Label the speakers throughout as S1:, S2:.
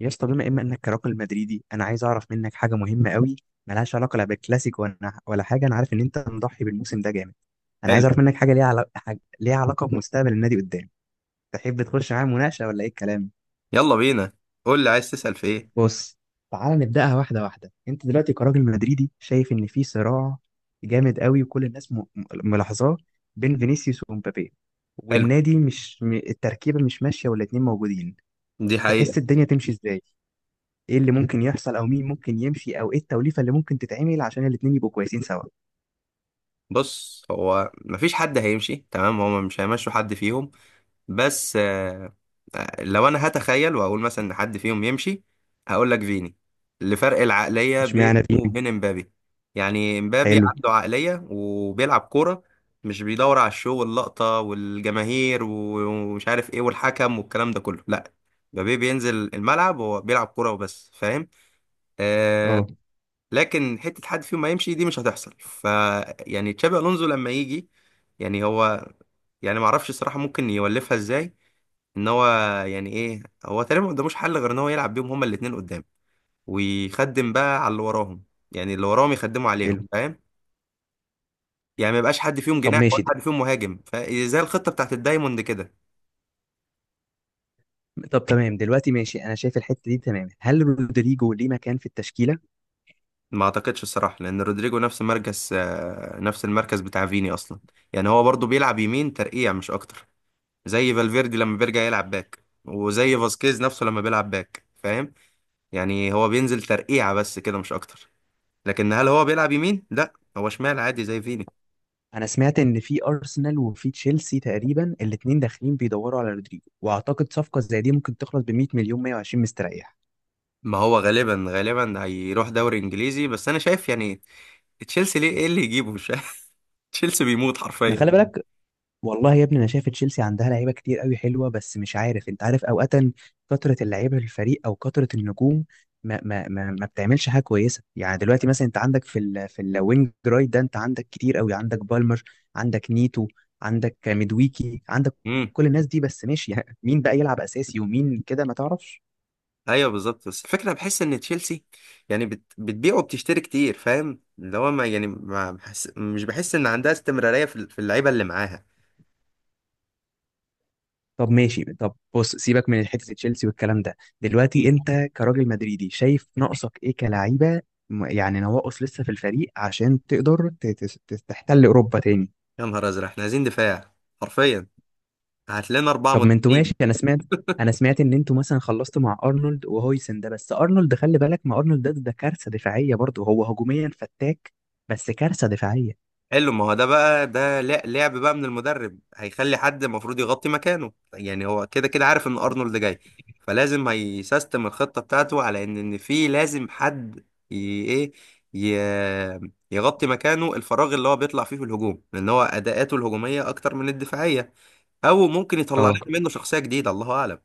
S1: يا اسطى بما إما إنك كراجل مدريدي، أنا عايز أعرف منك حاجة مهمة قوي ملهاش علاقة لا بالكلاسيكو ولا حاجة. أنا عارف إن أنت مضحي بالموسم ده جامد. أنا عايز
S2: حلو.
S1: أعرف منك حاجة ليها علاقة، حاجة ليها علاقة بمستقبل النادي قدام. تحب تخش معايا مناقشة ولا إيه الكلام؟
S2: يلا بينا، قول لي عايز تسأل في ايه.
S1: بص، تعال نبدأها واحدة واحدة. أنت دلوقتي كراجل مدريدي شايف إن في صراع جامد قوي وكل الناس ملاحظاه بين فينيسيوس ومبابي،
S2: حلو،
S1: والنادي مش التركيبة مش ماشية والاتنين موجودين.
S2: دي
S1: تحس
S2: حقيقة.
S1: الدنيا تمشي إزاي؟ ايه اللي ممكن يحصل، او مين ممكن يمشي، او ايه التوليفه اللي ممكن تتعمل عشان الاتنين يبقوا كويسين سوا؟
S2: بص، هو مفيش حد هيمشي، تمام؟ هما مش هيمشوا حد فيهم، بس لو انا هتخيل واقول مثلا ان حد فيهم يمشي، هقول لك فيني، لفرق العقلية بينه
S1: اشمعنى تيمي.
S2: وبين امبابي. يعني امبابي
S1: حلو.
S2: عنده عقلية وبيلعب كورة، مش بيدور على الشو واللقطة والجماهير ومش عارف ايه والحكم والكلام ده كله، لا. مبابي بينزل الملعب هو بيلعب كورة وبس، فاهم؟ آه،
S1: اه،
S2: لكن حته حد فيهم ما يمشي دي مش هتحصل. ف يعني تشابي الونزو لما يجي، يعني هو، يعني ما اعرفش الصراحه ممكن يولفها ازاي. ان هو يعني ايه، هو تقريبا ما قداموش حل غير ان هو يلعب بيهم هما الاثنين قدام، ويخدم بقى على اللي وراهم. يعني اللي وراهم يخدموا عليهم،
S1: حلو.
S2: فاهم؟ يعني ما يبقاش حد فيهم
S1: طب
S2: جناح ولا
S1: ماشي ده.
S2: حد فيهم مهاجم، فزي الخطه بتاعت الدايموند كده.
S1: طب تمام دلوقتي، ماشي، انا شايف الحته دي تمام. هل رودريجو ليه مكان في التشكيله؟
S2: ما اعتقدش الصراحه، لان رودريجو نفس مركز نفس المركز بتاع فيني اصلا. يعني هو برضو بيلعب يمين ترقيع مش اكتر، زي فالفيردي لما بيرجع يلعب باك، وزي فاسكيز نفسه لما بيلعب باك، فاهم؟ يعني هو بينزل ترقيعة بس كده، مش اكتر. لكن هل هو بيلعب يمين؟ لا، هو شمال عادي زي فيني.
S1: انا سمعت ان في ارسنال وفي تشيلسي تقريبا الاتنين داخلين بيدوروا على رودريجو، واعتقد صفقه زي دي ممكن تخلص ب 100 مليون، 120 مستريح.
S2: ما هو غالبا هيروح دوري انجليزي، بس انا شايف يعني تشيلسي ليه؟ ايه اللي يجيبه؟ مش عارف. تشيلسي بيموت
S1: ما
S2: حرفيا.
S1: خلي بالك، والله يا ابني انا شايف تشيلسي عندها لعيبه كتير قوي حلوه، بس مش عارف، انت عارف اوقات كثره اللعيبه في الفريق او كثره النجوم ما بتعملش حاجه كويسه. يعني دلوقتي مثلا انت عندك في في الوينج رايت ده انت عندك كتير قوي، عندك بالمر، عندك نيتو، عندك ميدويكي، عندك
S2: امم.
S1: كل الناس دي. بس ماشي، يعني مين بقى يلعب اساسي ومين كده ما تعرفش.
S2: ايوه بالظبط، بس الفكره بحس ان تشيلسي يعني بتبيع وبتشتري كتير، فاهم؟ اللي هو ما يعني ما بحس... مش بحس ان عندها استمراريه في في اللعيبه اللي معاها.
S1: طب ماشي، طب بص، سيبك من حته تشيلسي والكلام ده. دلوقتي انت كراجل مدريدي شايف ناقصك ايه كلعيبه، يعني نواقص لسه في الفريق عشان تقدر تحتل اوروبا تاني؟
S2: يا نهار ازرق، احنا عايزين دفاع حرفيا، هات لنا اربعه
S1: طب ما انتوا ماشي،
S2: مدافعين.
S1: انا سمعت ان انتوا مثلا خلصتوا مع ارنولد وهويسن ده، بس ارنولد خلي بالك، ما ارنولد ده كارثه دفاعيه برضه، هو هجوميا فتاك بس كارثه دفاعيه.
S2: حلو، ما هو ده بقى، ده لعب بقى من المدرب، هيخلي حد المفروض يغطي مكانه. يعني هو كده كده عارف ان ارنولد جاي، فلازم هيسيستم الخطه بتاعته على ان في لازم حد ي... ايه ي... يغطي مكانه، الفراغ اللي هو بيطلع فيه في الهجوم، لان هو اداءاته الهجوميه اكتر من الدفاعيه. او ممكن يطلع
S1: اه،
S2: لنا منه شخصيه جديده، الله اعلم،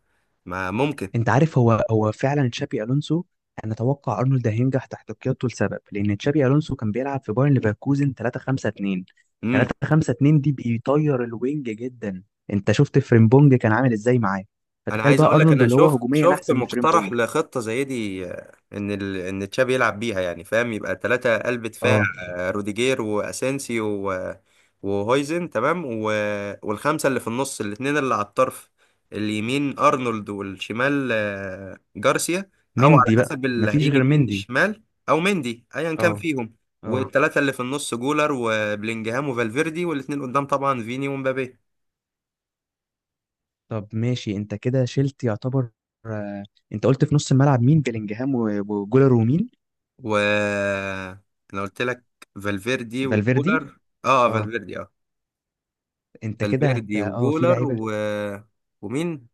S2: ما ممكن.
S1: انت عارف، هو فعلا تشابي الونسو، انا اتوقع ارنولد هينجح تحت قيادته لسبب لان تشابي الونسو كان بيلعب في بايرن ليفركوزن 3 5 2.
S2: إمم.
S1: 3 5 2 دي بيطير الوينج جدا. انت شفت فريمبونج كان عامل ازاي معاه؟
S2: انا
S1: فتخيل
S2: عايز
S1: بقى
S2: اقول لك،
S1: ارنولد
S2: انا
S1: اللي هو
S2: شفت
S1: هجوميا
S2: شفت
S1: احسن من
S2: مقترح
S1: فريمبونج.
S2: لخطه زي دي، ان ان تشابي يلعب بيها، يعني فاهم؟ يبقى ثلاثه قلب دفاع،
S1: اه.
S2: روديجير واسينسيو و... وهويزن، تمام، والخمسه اللي في النص، الاثنين اللي على الطرف، اليمين ارنولد والشمال جارسيا، او على
S1: مندي بقى،
S2: حسب اللي
S1: مفيش
S2: هيجي
S1: غير
S2: مين
S1: مندي.
S2: الشمال، او مندي، ايا كان
S1: اه.
S2: فيهم.
S1: اه،
S2: والثلاثه اللي في النص جولر وبلينجهام وفالفيردي، والاثنين قدام طبعا فيني ومبابي.
S1: طب ماشي، انت كده شلت يعتبر. آه، انت قلت في نص الملعب مين؟ بيلينجهام وجولر ومين؟
S2: و انا قلت لك، فالفيردي
S1: فالفيردي.
S2: وجولر. اه،
S1: اه.
S2: فالفيردي اه.
S1: انت كده هت
S2: فالفيردي
S1: اه في
S2: وجولر
S1: لعيبه
S2: ومين؟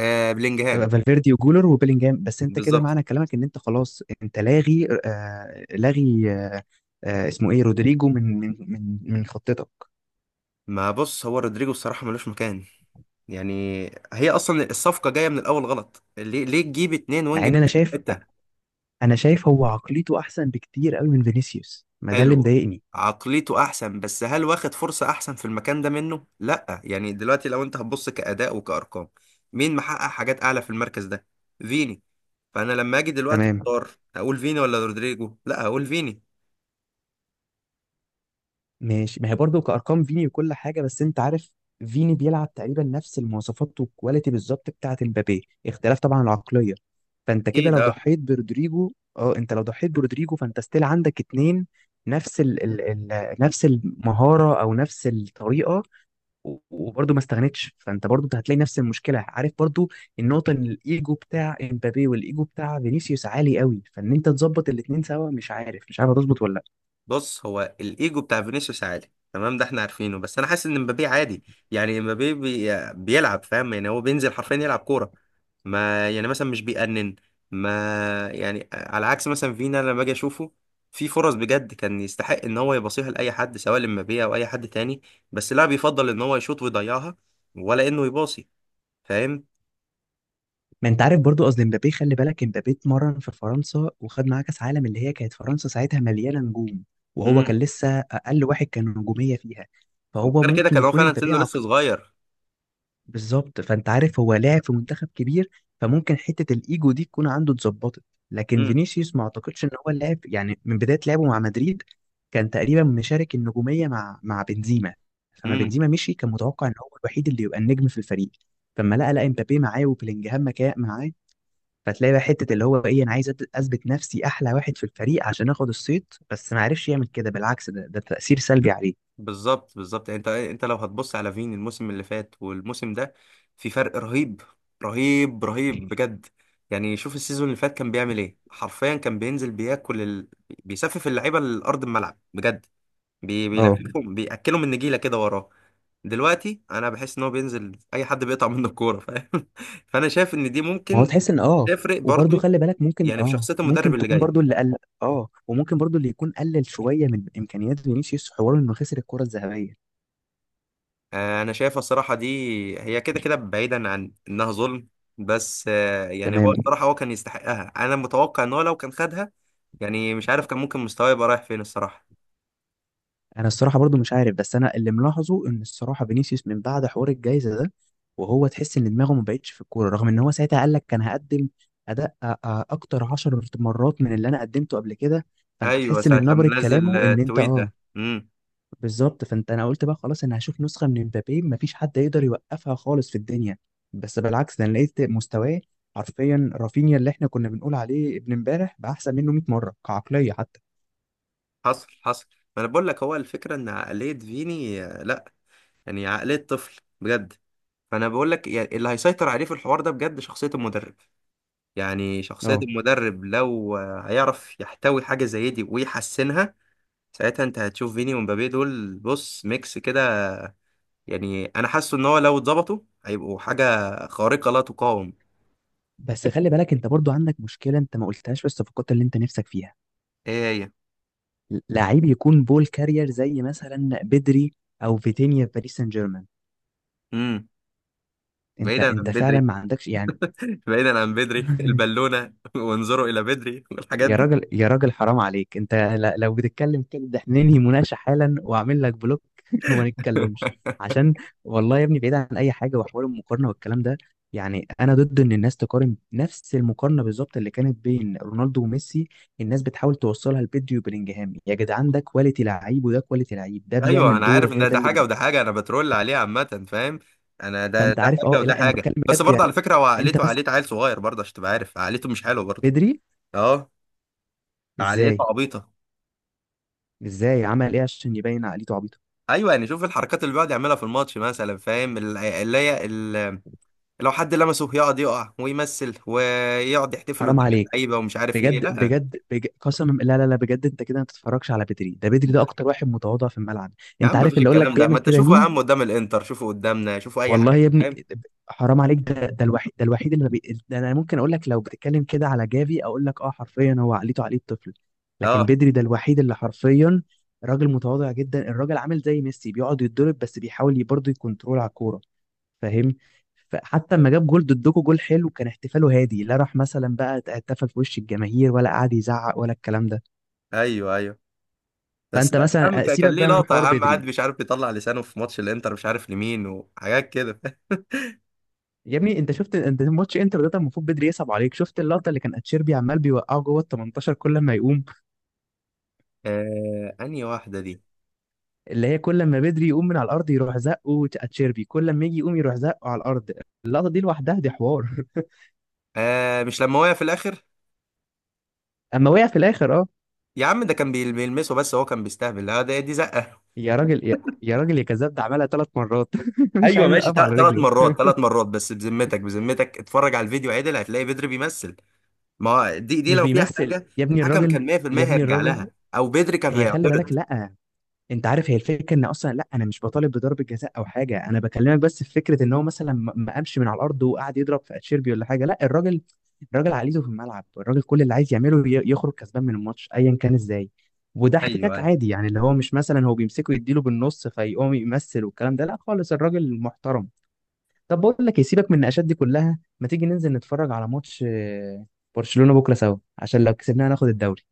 S2: بلينجهام.
S1: فالفيردي وجولر وبيلينجهام. بس انت كده
S2: بالظبط.
S1: معنى كلامك ان انت خلاص انت لاغي، آه لاغي، آه آه، اسمه ايه، رودريجو، من خطتك.
S2: ما بص، هو رودريجو الصراحة ملوش مكان، يعني هي اصلا الصفقة جاية من الاول غلط. ليه؟ تجيب اتنين
S1: مع
S2: وينج
S1: ان انا
S2: نفس
S1: شايف،
S2: الحتة؟
S1: هو عقليته احسن بكتير قوي من فينيسيوس، ما ده اللي
S2: حلوة،
S1: مضايقني.
S2: عقليته احسن، بس هل واخد فرصة احسن في المكان ده منه؟ لا، يعني دلوقتي لو انت هتبص كأداء وكأرقام، مين محقق حاجات اعلى في المركز ده؟ فيني. فانا لما اجي دلوقتي
S1: تمام.
S2: اختار، هقول فيني ولا رودريجو؟ لا، هقول فيني
S1: ماشي، ما هي برضه كأرقام فيني وكل حاجة، بس أنت عارف فيني بيلعب تقريبا نفس المواصفات والكواليتي بالظبط بتاعة امبابي، اختلاف طبعا العقلية. فأنت كده
S2: اكيد.
S1: لو
S2: آه.
S1: ضحيت برودريجو، أه، أنت لو ضحيت برودريجو فأنت ستيل عندك اتنين نفس ال ال ال نفس المهارة أو نفس الطريقة، وبرضه ما استغنتش، فأنت برضه هتلاقي نفس المشكلة، عارف؟ برضه النقطة إن الإيجو بتاع امبابي والإيجو بتاع فينيسيوس عالي قوي، فإن أنت تظبط الاتنين سوا مش عارف، مش عارف هتظبط ولا لأ.
S2: بص، هو الايجو بتاع فينيسيوس عالي، تمام، ده احنا عارفينه، بس انا حاسس ان مبابي عادي. يعني مبابي بيلعب، فاهم؟ يعني هو بينزل حرفيا يلعب كوره، ما يعني مثلا مش بيأنن. ما يعني على عكس مثلا فينا، لما باجي اشوفه في فرص بجد كان يستحق ان هو يباصيها لاي حد، سواء لمبابي او اي حد تاني، بس لا، بيفضل ان هو يشوط ويضيعها ولا انه يباصي، فاهم؟
S1: ما انت عارف برضو، قصدي مبابي، خلي بالك مبابي اتمرن في فرنسا وخد معاه كاس عالم، اللي هي كانت فرنسا ساعتها مليانه نجوم وهو
S2: امم.
S1: كان لسه اقل واحد كان نجوميه فيها، فهو
S2: وغير كده
S1: ممكن
S2: كان هو
S1: يكون
S2: فعلا
S1: مبابي
S2: سنه لسه
S1: عقل.
S2: صغير.
S1: بالظبط، فانت عارف هو لاعب في منتخب كبير، فممكن حته الايجو دي تكون عنده اتظبطت. لكن فينيسيوس ما اعتقدش ان هو لاعب، يعني من بدايه لعبه مع مدريد كان تقريبا مشارك النجوميه مع بنزيما. فما
S2: امم.
S1: بنزيما مشي كان متوقع ان هو الوحيد اللي يبقى النجم في الفريق، فما لقى، لقى مبابي معاه وبلينجهام معاه. فتلاقي بقى حته اللي هو ايه، انا عايز اثبت نفسي احلى واحد في الفريق عشان اخد الصيت، بس ما عرفش يعمل كده، بالعكس ده تاثير سلبي عليه.
S2: بالظبط. يعني انت ايه، انت لو هتبص على فين الموسم اللي فات والموسم ده، في فرق رهيب. رهيب رهيب بجد. يعني شوف السيزون اللي فات كان بيعمل ايه، حرفيا كان بينزل بياكل بيسفف اللعيبه لارض الملعب بجد،
S1: اه.
S2: بيلففهم، بياكلهم النجيله كده وراه. دلوقتي انا بحس ان هو بينزل اي حد بيقطع منه الكوره، فاهم؟ فانا شايف ان دي
S1: ما هو
S2: ممكن
S1: تحس ان اه،
S2: تفرق
S1: وبرضه
S2: برضو،
S1: خلي بالك ممكن
S2: يعني في
S1: اه
S2: شخصيه المدرب
S1: ممكن
S2: اللي
S1: تكون
S2: جاي.
S1: برضه اللي قل. اه، وممكن برضه اللي يكون قلل شويه من امكانيات فينيسيوس حوار انه خسر الكره الذهبيه.
S2: انا شايفها الصراحه دي، هي كده كده بعيدا عن انها ظلم، بس يعني هو
S1: تمام.
S2: الصراحه هو كان يستحقها، انا متوقع ان هو لو كان خدها يعني، مش عارف كان ممكن مستواه يبقى رايح فين الصراحه.
S1: انا الصراحه برضو مش عارف، بس انا اللي ملاحظه ان الصراحه فينيسيوس من بعد حوار الجائزه ده، وهو تحس ان دماغه ما بقتش في الكوره، رغم ان هو ساعتها قال لك كان هقدم اداء اكتر عشر مرات من اللي انا قدمته قبل كده، فانت
S2: ايوه
S1: تحس
S2: ساعه
S1: من نبره
S2: لما نزل
S1: كلامه ان انت
S2: تويته.
S1: اه.
S2: امم.
S1: بالظبط، فانت، انا قلت بقى خلاص انا هشوف نسخه من مبابي ما فيش حد يقدر يوقفها خالص في الدنيا، بس بالعكس ده انا لقيت مستواه حرفيا رافينيا اللي احنا كنا بنقول عليه ابن امبارح بقى احسن منه 100 مره كعقليه حتى.
S2: حصل، حصل. ما انا بقول لك، هو الفكره ان عقليه فيني لا، يعني عقليه طفل بجد. فانا بقول لك يعني اللي هيسيطر عليه في الحوار ده بجد شخصيه المدرب. يعني شخصيه
S1: اه،
S2: المدرب لو هيعرف يحتوي حاجه زي دي ويحسنها، ساعتها انت هتشوف فيني ومبابي دول بص ميكس كده. يعني انا حاسه ان هو لو اتظبطوا، هيبقوا حاجه خارقه لا تقاوم.
S1: بس خلي بالك، انت برضو عندك مشكله انت ما قلتهاش في الصفقات اللي انت نفسك فيها،
S2: ايه هي؟
S1: لعيب يكون بول كارير زي مثلا بدري او فيتينيا في باريس سان جيرمان،
S2: امم.
S1: انت
S2: بعيدا عن
S1: انت فعلا
S2: بدري.
S1: ما عندكش يعني.
S2: بعيدا عن بدري البالونه. وانظروا الى بدري والحاجات
S1: يا
S2: دي.
S1: راجل يا راجل حرام عليك، انت لو بتتكلم كده ده احنا ننهي مناقشه حالا واعمل لك بلوك وما نتكلمش عشان، والله يا ابني بعيد عن اي حاجه وحوار المقارنه والكلام ده، يعني انا ضد ان الناس تقارن نفس المقارنه بالظبط اللي كانت بين رونالدو وميسي. الناس بتحاول توصلها لبيدري وبلينجهام، يا جدعان ده كواليتي لعيب وده كواليتي لعيب، ده
S2: ايوه
S1: بيعمل
S2: انا
S1: دور
S2: عارف ان
S1: غير
S2: ده,
S1: ده
S2: ده
S1: اللي
S2: حاجه
S1: بيعمل.
S2: وده حاجه، انا بترول عليه عامه فاهم. انا ده
S1: فانت
S2: ده
S1: عارف اه،
S2: حاجه وده
S1: لا انا
S2: حاجه،
S1: بتكلم
S2: بس
S1: بجد يعني.
S2: برضه على فكره هو
S1: انت
S2: عقليته
S1: مثلا
S2: عقليه عيل صغير برضه، عشان تبقى عارف عقليته مش حلوه برضه.
S1: بيدري
S2: اه. عقليته
S1: ازاي؟
S2: عبيطه.
S1: ازاي عمل ايه عشان يبين عقليته عبيطه؟
S2: ايوه، يعني شوف الحركات اللي بيقعد يعملها في الماتش مثلا، فاهم؟ لو حد لمسه يقعد يقع ويمثل، ويقعد يحتفل قدام
S1: حرام عليك.
S2: اللعيبه ومش عارف ايه،
S1: بجد
S2: لا.
S1: بجد, بجد قسما، لا بجد انت كده ما تتفرجش على بدري، ده بدري ده اكتر واحد متواضع في الملعب.
S2: يا
S1: انت
S2: عم
S1: عارف
S2: مفيش
S1: اللي اقول لك
S2: الكلام ده، ما
S1: بيعمل
S2: انت
S1: كده
S2: شوفه يا
S1: مين؟
S2: عم قدام الانتر، شوفه قدامنا، شوفه اي
S1: والله
S2: حاجه،
S1: يا ابني
S2: فاهم؟
S1: حرام عليك، ده الوحيد، ده الوحيد اللي ما بي... ده انا ممكن اقول لك لو بتتكلم كده على جافي اقول لك اه حرفيا هو عقليته عقلية طفل، لكن
S2: اه.
S1: بدري ده الوحيد اللي حرفيا راجل متواضع جدا. الراجل عامل زي ميسي بيقعد يتضرب بس بيحاول برضه يكنترول على الكوره، فاهم؟ فحتى لما جاب جول ضدكوا، جول حلو، كان احتفاله هادي، لا راح مثلا بقى احتفل في وش الجماهير ولا قعد يزعق ولا الكلام ده.
S2: ايوه ايوه. بس
S1: فانت
S2: لا يا عم،
S1: مثلا
S2: كان كان
S1: سيبك
S2: ليه
S1: بقى من
S2: لقطه يا
S1: حوار
S2: عم، قاعد
S1: بدري،
S2: مش عارف يطلع لسانه في ماتش الانتر مش عارف لمين، وحاجات كده.
S1: يا ابني انت شفت، انت ماتش انتر ده كان المفروض بدري يصعب عليك، شفت اللقطه اللي كان اتشيربي عمال بيوقعه جوه ال 18 كل ما يقوم؟
S2: آه، انهي واحده دي؟
S1: اللي هي كل ما بدري يقوم من على الارض يروح زقه اتشيربي، كل ما يجي يقوم يروح زقه على الارض. اللقطه دي لوحدها دي حوار.
S2: آه مش لما وقع في الاخر؟
S1: اما وقع في الاخر اه.
S2: يا عم ده كان بيلمسه بس هو كان بيستهبل، لا ده دي زقه.
S1: يا راجل يا كذاب، ده عملها ثلاث مرات مش
S2: ايوه
S1: عايز
S2: ماشي،
S1: يوقف على
S2: ثلاث
S1: رجله.
S2: مرات، ثلاث مرات، بس بذمتك، بذمتك اتفرج على الفيديو عدل هتلاقي بدري بيمثل. ما هو دي
S1: مش
S2: لو فيها
S1: بيمثل
S2: حاجه
S1: يا ابني
S2: الحكم
S1: الراجل،
S2: كان 100%
S1: يا ابني
S2: هيرجع
S1: الراجل
S2: لها، او بدري كان
S1: هي خلي بالك،
S2: هيعترض.
S1: لا، انت عارف هي الفكره ان اصلا، لا انا مش بطالب بضرب جزاء او حاجه، انا بكلمك بس في فكره ان هو مثلا ما قامش من على الارض وقعد يضرب في اتشيربي ولا حاجه، لا الراجل، عقليته في الملعب، الراجل كل اللي عايز يعمله يخرج كسبان من الماتش ايا كان ازاي. وده
S2: ايوه
S1: احتكاك
S2: ايوه.
S1: عادي يعني، اللي هو مش مثلا هو بيمسكه يديله بالنص فيقوم يمثل والكلام ده، لا خالص، الراجل محترم. طب بقول لك إيه، سيبك من النقاشات دي كلها، ما تيجي ننزل نتفرج على ماتش آه، برشلونة بكرة سوا؟ عشان لو كسبناها ناخد الدوري.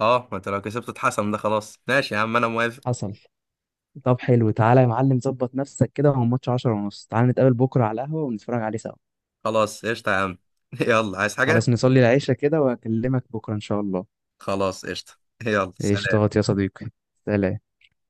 S2: اه ما انت لو كسبت اتحسن ده، خلاص ماشي يا عم، انا موافق.
S1: حصل. طب حلو، تعالى يا معلم ظبط نفسك كده، هو الماتش 10 ونص، تعالى نتقابل بكرة على القهوة ونتفرج عليه سوا.
S2: خلاص قشطة يا عم. يلا، عايز
S1: خلاص،
S2: حاجة؟
S1: نصلي العشاء كده وأكلمك بكرة إن شاء الله.
S2: خلاص قشطة. يلا سلام.
S1: قشطات يا صديقي، سلام.